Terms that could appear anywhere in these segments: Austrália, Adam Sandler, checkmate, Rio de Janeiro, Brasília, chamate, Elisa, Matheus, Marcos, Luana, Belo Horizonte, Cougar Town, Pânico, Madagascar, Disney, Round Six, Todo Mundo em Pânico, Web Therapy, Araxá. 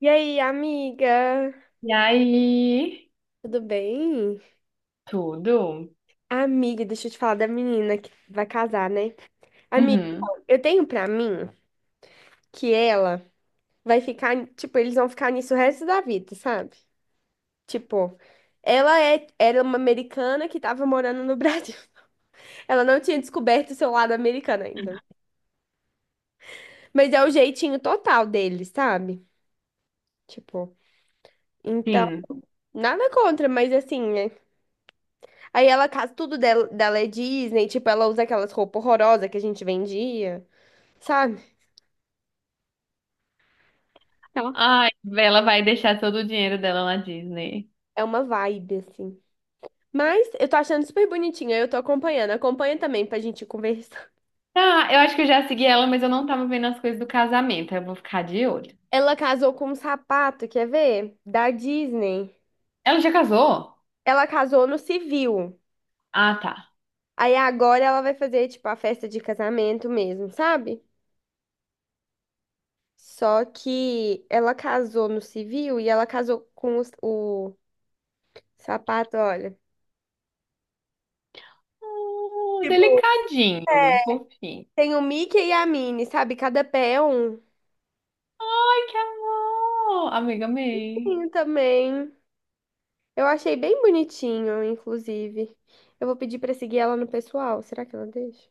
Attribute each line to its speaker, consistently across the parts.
Speaker 1: E aí, amiga?
Speaker 2: E aí?
Speaker 1: Tudo bem?
Speaker 2: Tudo?
Speaker 1: Amiga, deixa eu te falar da menina que vai casar, né? Amiga,
Speaker 2: Uhum.
Speaker 1: então, eu tenho pra mim que ela vai ficar, tipo, eles vão ficar nisso o resto da vida, sabe? Tipo, ela era uma americana que tava morando no Brasil. Ela não tinha descoberto o seu lado americano ainda. Mas é o jeitinho total deles, sabe? Tipo, então,
Speaker 2: Sim.
Speaker 1: nada contra, mas assim, né? Aí ela casa, tudo dela é Disney, tipo, ela usa aquelas roupas horrorosas que a gente vendia, sabe? Tá.
Speaker 2: Ai, ela vai deixar todo o dinheiro dela na Disney.
Speaker 1: É uma vibe, assim. Mas eu tô achando super bonitinha, eu tô acompanhando. Acompanha também pra gente conversar.
Speaker 2: Ah, eu acho que eu já segui ela, mas eu não tava vendo as coisas do casamento. Aí eu vou ficar de olho.
Speaker 1: Ela casou com um sapato, quer ver? Da Disney.
Speaker 2: Ela já casou?
Speaker 1: Ela casou no civil.
Speaker 2: Ah, tá.
Speaker 1: Aí agora ela vai fazer, tipo, a festa de casamento mesmo, sabe? Só que ela casou no civil e ela casou com o sapato, olha.
Speaker 2: Ah,
Speaker 1: Tipo,
Speaker 2: delicadinho, fofinho.
Speaker 1: tem o Mickey e a Minnie, sabe? Cada pé é um.
Speaker 2: Ai, que amor! Amiga, amei.
Speaker 1: Sim, também. Eu achei bem bonitinho, inclusive. Eu vou pedir pra seguir ela no pessoal. Será que ela deixa?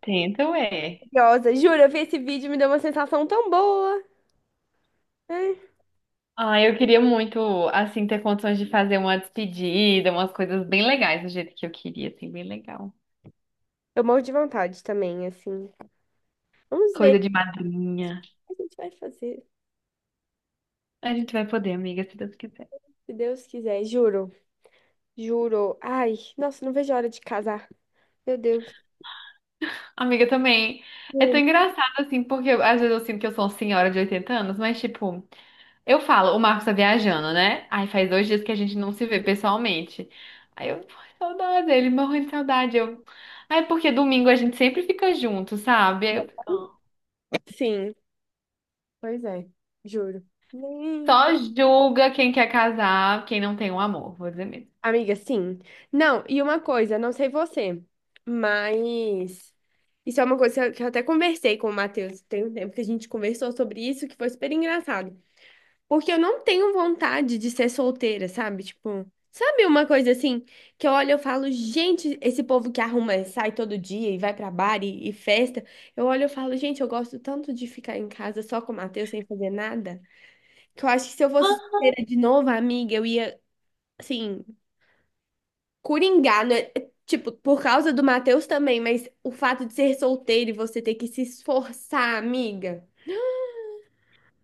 Speaker 2: Tento é.
Speaker 1: Curiosa, juro, eu vi esse vídeo e me deu uma sensação tão boa. Ai,
Speaker 2: Ah, eu queria muito, assim, ter condições de fazer uma despedida, umas coisas bem legais do jeito que eu queria, assim, bem legal.
Speaker 1: eu morro de vontade também, assim. Vamos ver
Speaker 2: Coisa de madrinha.
Speaker 1: o que a gente vai fazer,
Speaker 2: A gente vai poder, amiga, se Deus quiser.
Speaker 1: se Deus quiser, juro. Juro. Ai, nossa, não vejo a hora de casar. Meu Deus.
Speaker 2: Amiga, também. É tão
Speaker 1: Juro.
Speaker 2: engraçado, assim, porque às vezes eu sinto que eu sou uma senhora de 80 anos, mas, tipo, eu falo, o Marcos tá viajando, né? Aí faz 2 dias que a gente não se vê pessoalmente. Aí eu, "Ai, saudade, ele morrendo de saudade. Eu, aí porque domingo a gente sempre fica junto, sabe? Eu,
Speaker 1: Sim, pois é, juro. Nem
Speaker 2: só julga quem quer casar, quem não tem um amor, vou dizer mesmo.
Speaker 1: Amiga, sim. Não, e uma coisa, não sei você, mas isso é uma coisa que eu até conversei com o Matheus. Tem um tempo que a gente conversou sobre isso, que foi super engraçado. Porque eu não tenho vontade de ser solteira, sabe? Tipo, sabe uma coisa assim, que eu olho e eu falo, gente, esse povo que arruma, sai todo dia e vai pra bar e festa. Eu olho e eu falo, gente, eu gosto tanto de ficar em casa só com o Matheus sem fazer nada, que eu acho que se eu fosse solteira de novo, amiga, eu ia, assim. Coringá, né? É, tipo, por causa do Matheus também, mas o fato de ser solteiro e você ter que se esforçar, amiga.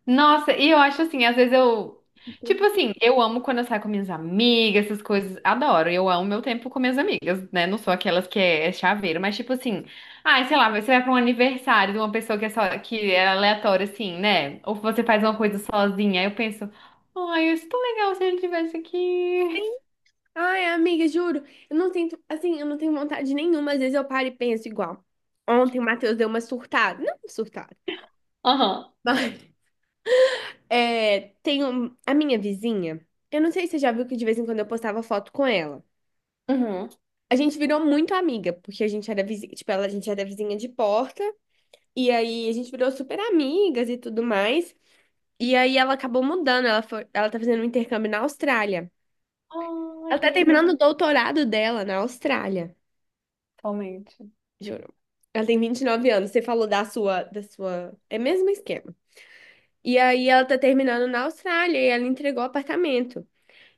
Speaker 2: Nossa, e eu acho assim, às vezes eu. Tipo
Speaker 1: Tipo,
Speaker 2: assim, eu amo quando eu saio com minhas amigas, essas coisas. Adoro, eu amo meu tempo com minhas amigas, né? Não sou aquelas que é chaveiro, mas tipo assim. Ah, sei lá, você vai pra um aniversário de uma pessoa que é, só, que é aleatória, assim, né? Ou você faz uma coisa sozinha. Aí eu penso, ai, isso é tão legal se ele estivesse aqui.
Speaker 1: ai, amiga, juro, eu não sinto, assim, eu não tenho vontade nenhuma, às vezes eu paro e penso igual. Ontem o Matheus deu uma surtada, não surtada,
Speaker 2: Aham.
Speaker 1: mas é, tem a minha vizinha, eu não sei se você já viu que de vez em quando eu postava foto com ela.
Speaker 2: Uhum.
Speaker 1: A gente virou muito amiga, porque a gente era vizinha, tipo, ela, a gente era vizinha de porta, e aí a gente virou super amigas e tudo mais. E aí ela acabou mudando, ela foi, ela tá fazendo um intercâmbio na Austrália.
Speaker 2: Ai,
Speaker 1: Ela
Speaker 2: que
Speaker 1: tá
Speaker 2: legal.
Speaker 1: terminando o doutorado dela na Austrália,
Speaker 2: Totalmente.
Speaker 1: juro. Ela tem 29 anos, você falou da sua, é mesmo esquema. E aí ela tá terminando na Austrália e ela entregou o apartamento.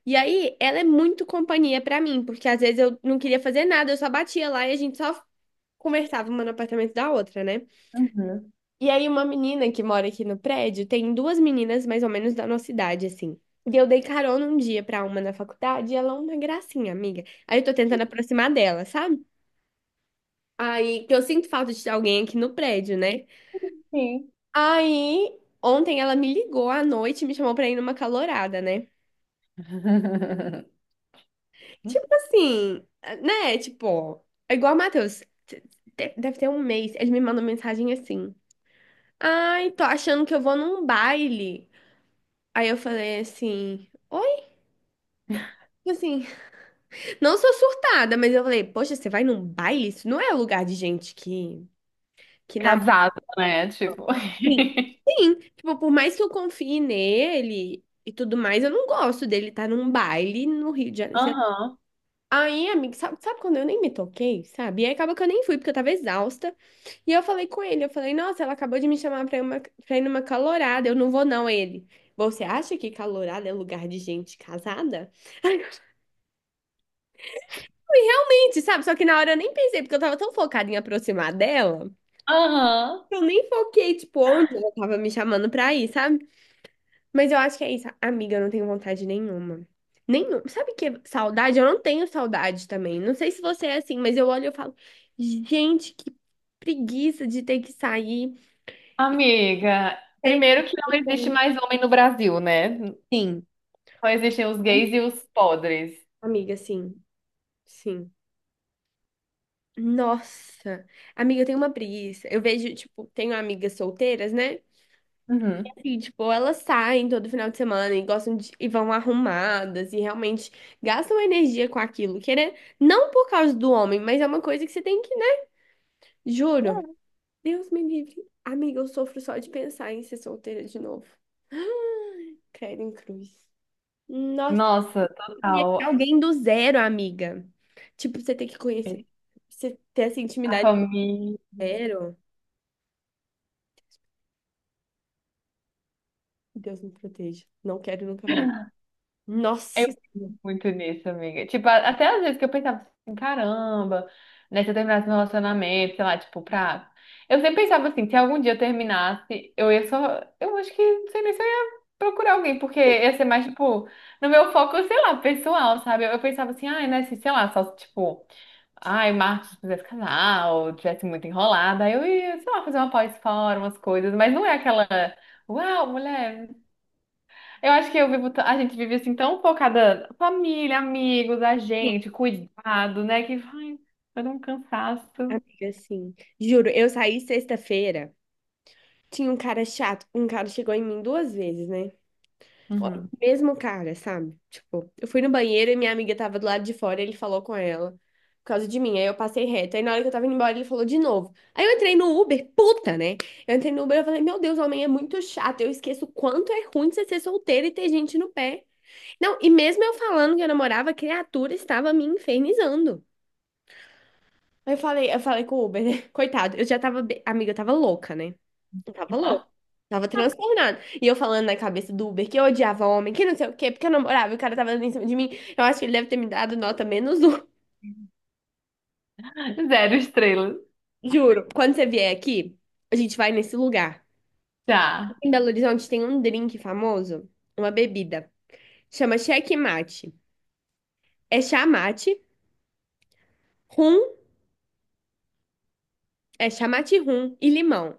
Speaker 1: E aí ela é muito companhia pra mim, porque às vezes eu não queria fazer nada, eu só batia lá e a gente só conversava uma no apartamento da outra, né?
Speaker 2: Uhum.
Speaker 1: E aí, uma menina que mora aqui no prédio, tem duas meninas mais ou menos da nossa idade, assim. E eu dei carona um dia pra uma na faculdade e ela é uma gracinha, amiga. Aí eu tô tentando aproximar dela, sabe? Aí que eu sinto falta de alguém aqui no prédio, né?
Speaker 2: Sim.
Speaker 1: Aí, ontem ela me ligou à noite e me chamou pra ir numa calorada, né? Tipo assim, né? Tipo, ó, é igual o Matheus. Deve ter um mês. Ele me mandou mensagem assim. Ai, tô achando que eu vou num baile. Aí eu falei assim. Assim, não sou surtada, mas eu falei, poxa, você vai num baile? Isso não é lugar de gente que namora.
Speaker 2: Casado, né? Tipo.
Speaker 1: Sim, sim. Tipo, por mais que eu confie nele e tudo mais, eu não gosto dele estar num baile no Rio de Janeiro, sei lá.
Speaker 2: Aham.
Speaker 1: Aí, amiga, sabe, sabe quando eu nem me toquei, sabe? E aí acaba que eu nem fui, porque eu tava exausta. E eu falei com ele, eu falei, nossa, ela acabou de me chamar pra ir, uma, pra ir numa calorada, eu não vou não, ele. Você acha que calorada é lugar de gente casada? E realmente, sabe? Só que na hora eu nem pensei, porque eu tava tão focada em aproximar dela,
Speaker 2: Aham,
Speaker 1: que eu nem foquei, tipo, onde ela tava me chamando pra ir, sabe? Mas eu acho que é isso. Amiga, eu não tenho vontade nenhuma. Nenhum. Sabe que é saudade? Eu não tenho saudade também. Não sei se você é assim, mas eu olho e eu falo, gente, que preguiça de ter que sair.
Speaker 2: amiga.
Speaker 1: Sei lá.
Speaker 2: Primeiro que não existe mais homem no Brasil, né?
Speaker 1: Sim,
Speaker 2: Só existem os gays e os podres.
Speaker 1: amiga, sim, sim. Nossa, amiga, eu tenho uma preguiça. Eu vejo, tipo, tenho amigas solteiras, né?
Speaker 2: Uhum.
Speaker 1: E, tipo, elas saem todo final de semana e gostam de, e vão arrumadas e realmente gastam energia com aquilo, querer, não por causa do homem, mas é uma coisa que você tem que, né? Juro. Deus me livre. Amiga, eu sofro só de pensar em ser solteira de novo. Credo em cruz. Nossa,
Speaker 2: Nossa,
Speaker 1: e é
Speaker 2: total.
Speaker 1: alguém do zero, amiga. Tipo, você tem que
Speaker 2: É,
Speaker 1: conhecer, você ter essa
Speaker 2: a
Speaker 1: intimidade do
Speaker 2: família.
Speaker 1: zero. Deus me proteja. Não quero nunca mais. Nossa,
Speaker 2: Muito nisso, amiga. Tipo, até às vezes que eu pensava assim, caramba, né, se eu terminasse meu relacionamento, sei lá, tipo, pra. Eu sempre pensava assim, se algum dia eu terminasse, eu ia só. Eu acho que, não sei nem se eu ia procurar alguém, porque ia ser mais, tipo, no meu foco, sei lá, pessoal, sabe? Eu pensava assim, ai, né, se, sei lá, só, tipo, ai, o Marcos quisesse casar, ou tivesse muito enrolada, aí eu ia, sei lá, fazer uma pós-fora, umas coisas, mas não é aquela. Uau, mulher! Eu acho que eu vivo, a gente vive assim tão focada, família, amigos, a
Speaker 1: sim,
Speaker 2: gente, cuidado, né? Que vai, vai dar um cansaço.
Speaker 1: amiga, sim. Juro, eu saí sexta-feira. Tinha um cara chato. Um cara chegou em mim duas vezes, né? Ó,
Speaker 2: Uhum.
Speaker 1: mesmo cara, sabe? Tipo, eu fui no banheiro e minha amiga tava do lado de fora, e ele falou com ela por causa de mim. Aí eu passei reto. Aí na hora que eu tava indo embora, ele falou de novo. Aí eu entrei no Uber, puta, né? Eu entrei no Uber e falei, meu Deus, homem é muito chato. Eu esqueço o quanto é ruim você ser solteira e ter gente no pé. Não, e mesmo eu falando que eu namorava, a criatura estava me infernizando. Aí eu falei com o Uber, né? Coitado, eu já tava, amiga, eu tava louca, né? Eu tava louco. Tava transtornado. E eu falando na cabeça do Uber que eu odiava homem, que não sei o quê, porque eu namorava e o cara tava dando em cima de mim. Eu acho que ele deve ter me dado nota menos um.
Speaker 2: Zero estrelas.
Speaker 1: Juro. Quando você vier aqui, a gente vai nesse lugar.
Speaker 2: Tá.
Speaker 1: Em Belo Horizonte tem um drink famoso, uma bebida. Chama checkmate. É chamate, rum, é chamate rum e limão.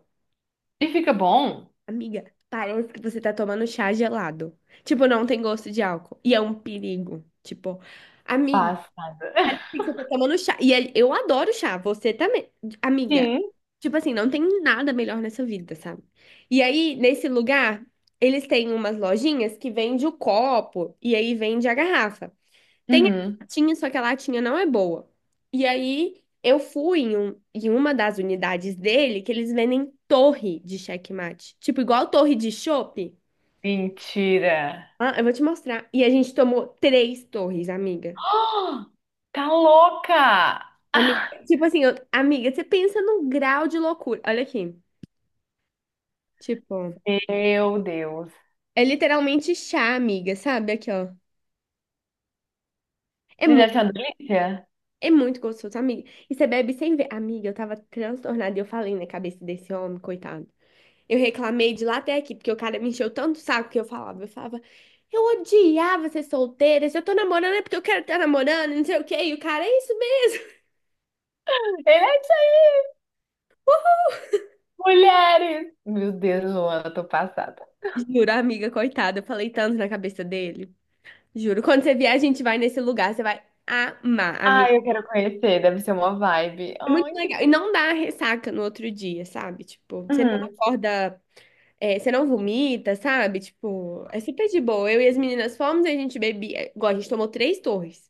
Speaker 2: E fica bom?
Speaker 1: Amiga, parece que você tá tomando chá gelado. Tipo, não tem gosto de álcool. E é um perigo. Tipo, amiga.
Speaker 2: Passada.
Speaker 1: Você tá tomando chá. E ele- eu adoro chá, você também, amiga.
Speaker 2: Sim.
Speaker 1: Tipo assim, não tem nada melhor nessa vida, sabe? E aí, nesse lugar, eles têm umas lojinhas que vende o copo e aí vende a garrafa. Tem a
Speaker 2: Uhum.
Speaker 1: latinha, só que a latinha não é boa. E aí, eu fui em, em uma das unidades dele que eles vendem torre de checkmate. Tipo, igual torre de chopp.
Speaker 2: Mentira.
Speaker 1: Ah, eu vou te mostrar. E a gente tomou 3 torres, amiga.
Speaker 2: Ah, tá louca!
Speaker 1: Amiga, tipo assim, eu- amiga, você pensa no grau de loucura. Olha aqui. Tipo,
Speaker 2: Meu Deus.
Speaker 1: é literalmente chá, amiga, sabe? Aqui, ó. É
Speaker 2: Ele
Speaker 1: muito,
Speaker 2: deve ser uma delícia?
Speaker 1: é muito gostoso, amiga. E você bebe sem ver. Amiga, eu tava transtornada e eu falei na cabeça desse homem, coitado. Eu reclamei de lá até aqui, porque o cara me encheu tanto o saco que eu falava. Eu falava, eu odiava ser solteira. Se eu tô namorando é porque eu quero estar namorando, não sei o quê. E o cara, é isso mesmo.
Speaker 2: Ele é isso aí! Mulheres! Meu Deus, Luana, tô passada.
Speaker 1: Juro, amiga, coitada. Eu falei tanto na cabeça dele. Juro. Quando você vier, a gente vai nesse lugar, você vai amar, amiga.
Speaker 2: Ai, eu quero conhecer, deve ser uma vibe.
Speaker 1: É muito
Speaker 2: Ai, que
Speaker 1: legal. E não dá ressaca no outro dia, sabe? Tipo, você não
Speaker 2: Uhum.
Speaker 1: acorda, é, você não vomita, sabe? Tipo, é super de boa. Eu e as meninas fomos e a gente bebia. É, igual, a gente tomou três torres.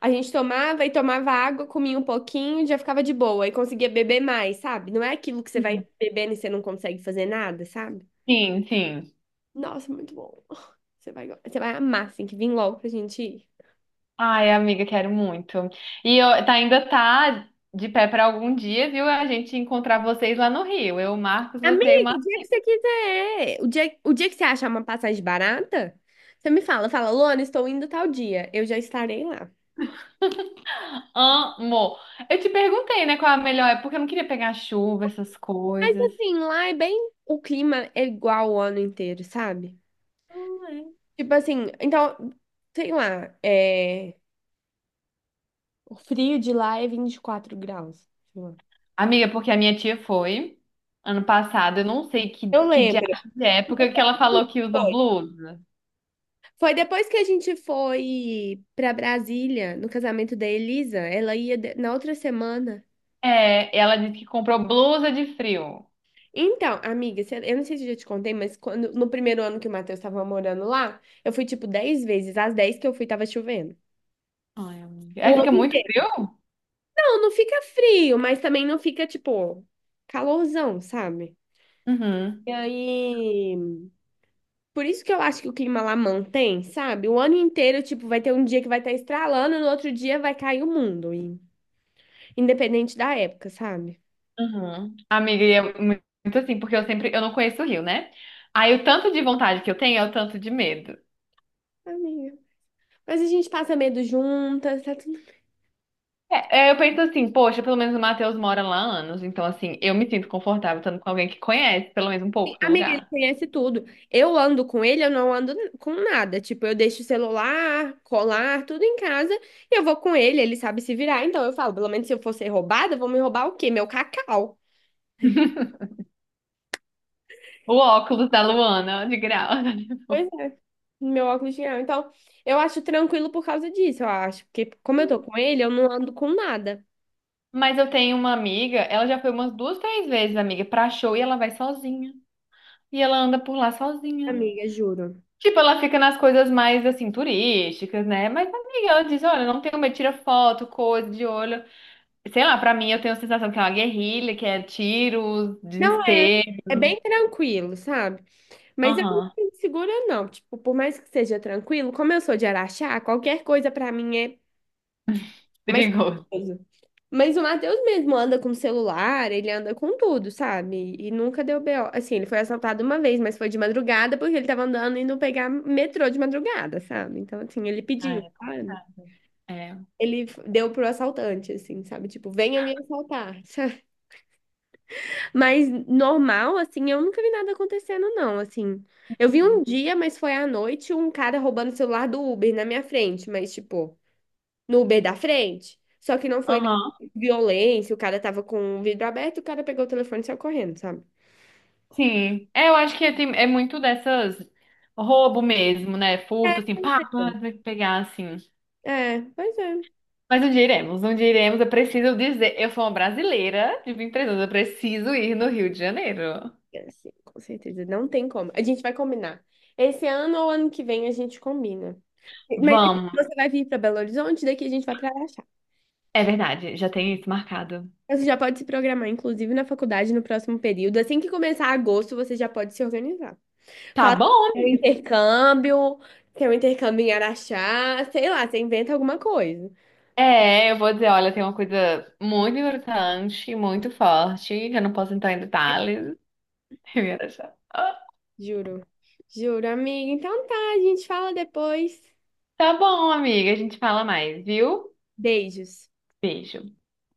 Speaker 1: A gente tomava e tomava água, comia um pouquinho, já ficava de boa e conseguia beber mais, sabe? Não é aquilo que você vai bebendo e você não consegue fazer nada, sabe?
Speaker 2: Sim, sim.
Speaker 1: Nossa, muito bom. Você vai, você vai amar, assim, que vem logo pra gente ir.
Speaker 2: Ai, amiga, quero muito. E eu, tá, ainda tá de pé pra algum dia, viu? A gente encontrar vocês lá no Rio. Eu, Marcos, você e
Speaker 1: Amigo,
Speaker 2: uma
Speaker 1: o dia que você quiser. O dia que você achar uma passagem barata, você me fala, fala, Luana, estou indo tal dia. Eu já estarei lá.
Speaker 2: amo. Eu te perguntei, né, qual a melhor época, porque eu não queria pegar chuva, essas
Speaker 1: Mas
Speaker 2: coisas.
Speaker 1: assim, lá é bem. O clima é igual o ano inteiro, sabe?
Speaker 2: Ah, é.
Speaker 1: Tipo assim, então, sei lá, o frio de lá é 24 graus, sei lá.
Speaker 2: Amiga, porque a minha tia foi ano passado, eu não sei
Speaker 1: Eu
Speaker 2: que diabo
Speaker 1: lembro.
Speaker 2: de época que ela falou que usou
Speaker 1: Foi
Speaker 2: blusa.
Speaker 1: Foi depois que a gente foi pra Brasília, no casamento da Elisa. Ela ia na outra semana.
Speaker 2: É, ela disse que comprou blusa de frio.
Speaker 1: Então, amiga, cê- eu não sei se eu já te contei, mas quando, no primeiro ano que o Matheus estava morando lá, eu fui tipo 10 vezes. As 10 que eu fui, tava chovendo.
Speaker 2: Ai, amiga. Aí
Speaker 1: O ano
Speaker 2: fica muito
Speaker 1: inteiro.
Speaker 2: frio?
Speaker 1: Não, não fica frio, mas também não fica, tipo, calorzão, sabe?
Speaker 2: Uhum.
Speaker 1: E aí. Por isso que eu acho que o clima lá mantém, sabe? O ano inteiro, tipo, vai ter um dia que vai estar estralando, no outro dia vai cair o mundo, e- independente da época, sabe?
Speaker 2: Uhum. Amiga, e é muito assim, porque eu sempre, eu não conheço o Rio, né? Aí o tanto de vontade que eu tenho é o tanto de medo.
Speaker 1: Amiga. Mas a gente passa medo juntas, tá tudo.
Speaker 2: É, eu penso assim, poxa, pelo menos o Matheus mora lá há anos, então assim, eu me sinto confortável estando com alguém que conhece pelo menos um pouco do
Speaker 1: Amiga, ele
Speaker 2: lugar.
Speaker 1: conhece tudo. Eu ando com ele, eu não ando com nada. Tipo, eu deixo o celular, colar, tudo em casa e eu vou com ele, ele sabe se virar. Então eu falo, pelo menos se eu for ser roubada, vão me roubar o quê? Meu cacau.
Speaker 2: O óculos da Luana, de grau.
Speaker 1: Pois é, meu óculos de grau. Então, eu acho tranquilo por causa disso, eu acho. Porque como eu tô com ele, eu não ando com nada.
Speaker 2: Mas eu tenho uma amiga, ela já foi umas duas, três vezes, amiga, pra show e ela vai sozinha. E ela anda por lá sozinha.
Speaker 1: Amiga, juro.
Speaker 2: Tipo, ela fica nas coisas mais assim, turísticas, né? Mas, amiga, ela diz: olha, não tenho medo, tira foto, coisa de olho. Sei lá, pra mim eu tenho a sensação que é uma guerrilha, que é tiros,
Speaker 1: Não é,
Speaker 2: desespero.
Speaker 1: é bem tranquilo, sabe? Mas eu
Speaker 2: Aham,
Speaker 1: não me segura, não. Tipo, por mais que seja tranquilo, como eu sou de Araxá, qualquer coisa pra mim é. Mas,
Speaker 2: perigoso.
Speaker 1: mas o Matheus mesmo anda com celular, ele anda com tudo, sabe? E nunca deu BO. Assim, ele foi assaltado uma vez, mas foi de madrugada porque ele tava andando indo pegar metrô de madrugada, sabe? Então, assim, ele
Speaker 2: Ah,
Speaker 1: pediu,
Speaker 2: é
Speaker 1: sabe?
Speaker 2: complicado. É.
Speaker 1: Ele deu pro assaltante, assim, sabe? Tipo, venha me assaltar, sabe? Mas normal, assim, eu nunca vi nada acontecendo, não, assim. Eu vi um dia, mas foi à noite, um cara roubando o celular do Uber na minha frente, mas, tipo, no Uber da frente. Só que não foi
Speaker 2: Aham.
Speaker 1: violência, o cara tava com o vidro aberto, o cara pegou o telefone e saiu correndo, sabe?
Speaker 2: Sim. É, eu acho que é muito dessas roubo mesmo, né? Furto, assim, pá, pá, tem que pegar assim.
Speaker 1: É, pois é.
Speaker 2: Mas onde iremos? Onde iremos? Eu preciso dizer. Eu sou uma brasileira de 23 anos, eu preciso ir no Rio de Janeiro.
Speaker 1: É, sim, com certeza, não tem como. A gente vai combinar. Esse ano ou ano que vem a gente combina. Mas
Speaker 2: Vamos.
Speaker 1: você vai vir para Belo Horizonte, daqui a gente vai para Araxá.
Speaker 2: É verdade, já tem isso marcado.
Speaker 1: Você já pode se programar, inclusive na faculdade, no próximo período. Assim que começar agosto, você já pode se organizar.
Speaker 2: Tá
Speaker 1: Fala
Speaker 2: bom,
Speaker 1: tem um
Speaker 2: amiga.
Speaker 1: intercâmbio, tem um intercâmbio em Araxá, sei lá, você inventa alguma coisa.
Speaker 2: É, eu vou dizer, olha, tem uma coisa muito importante, muito forte, que eu não posso entrar em detalhes. Eu ia deixar. Ah,
Speaker 1: Juro. Juro, amiga. Então tá, a gente fala depois.
Speaker 2: tá bom, amiga, a gente fala mais, viu?
Speaker 1: Beijos.
Speaker 2: Beijo.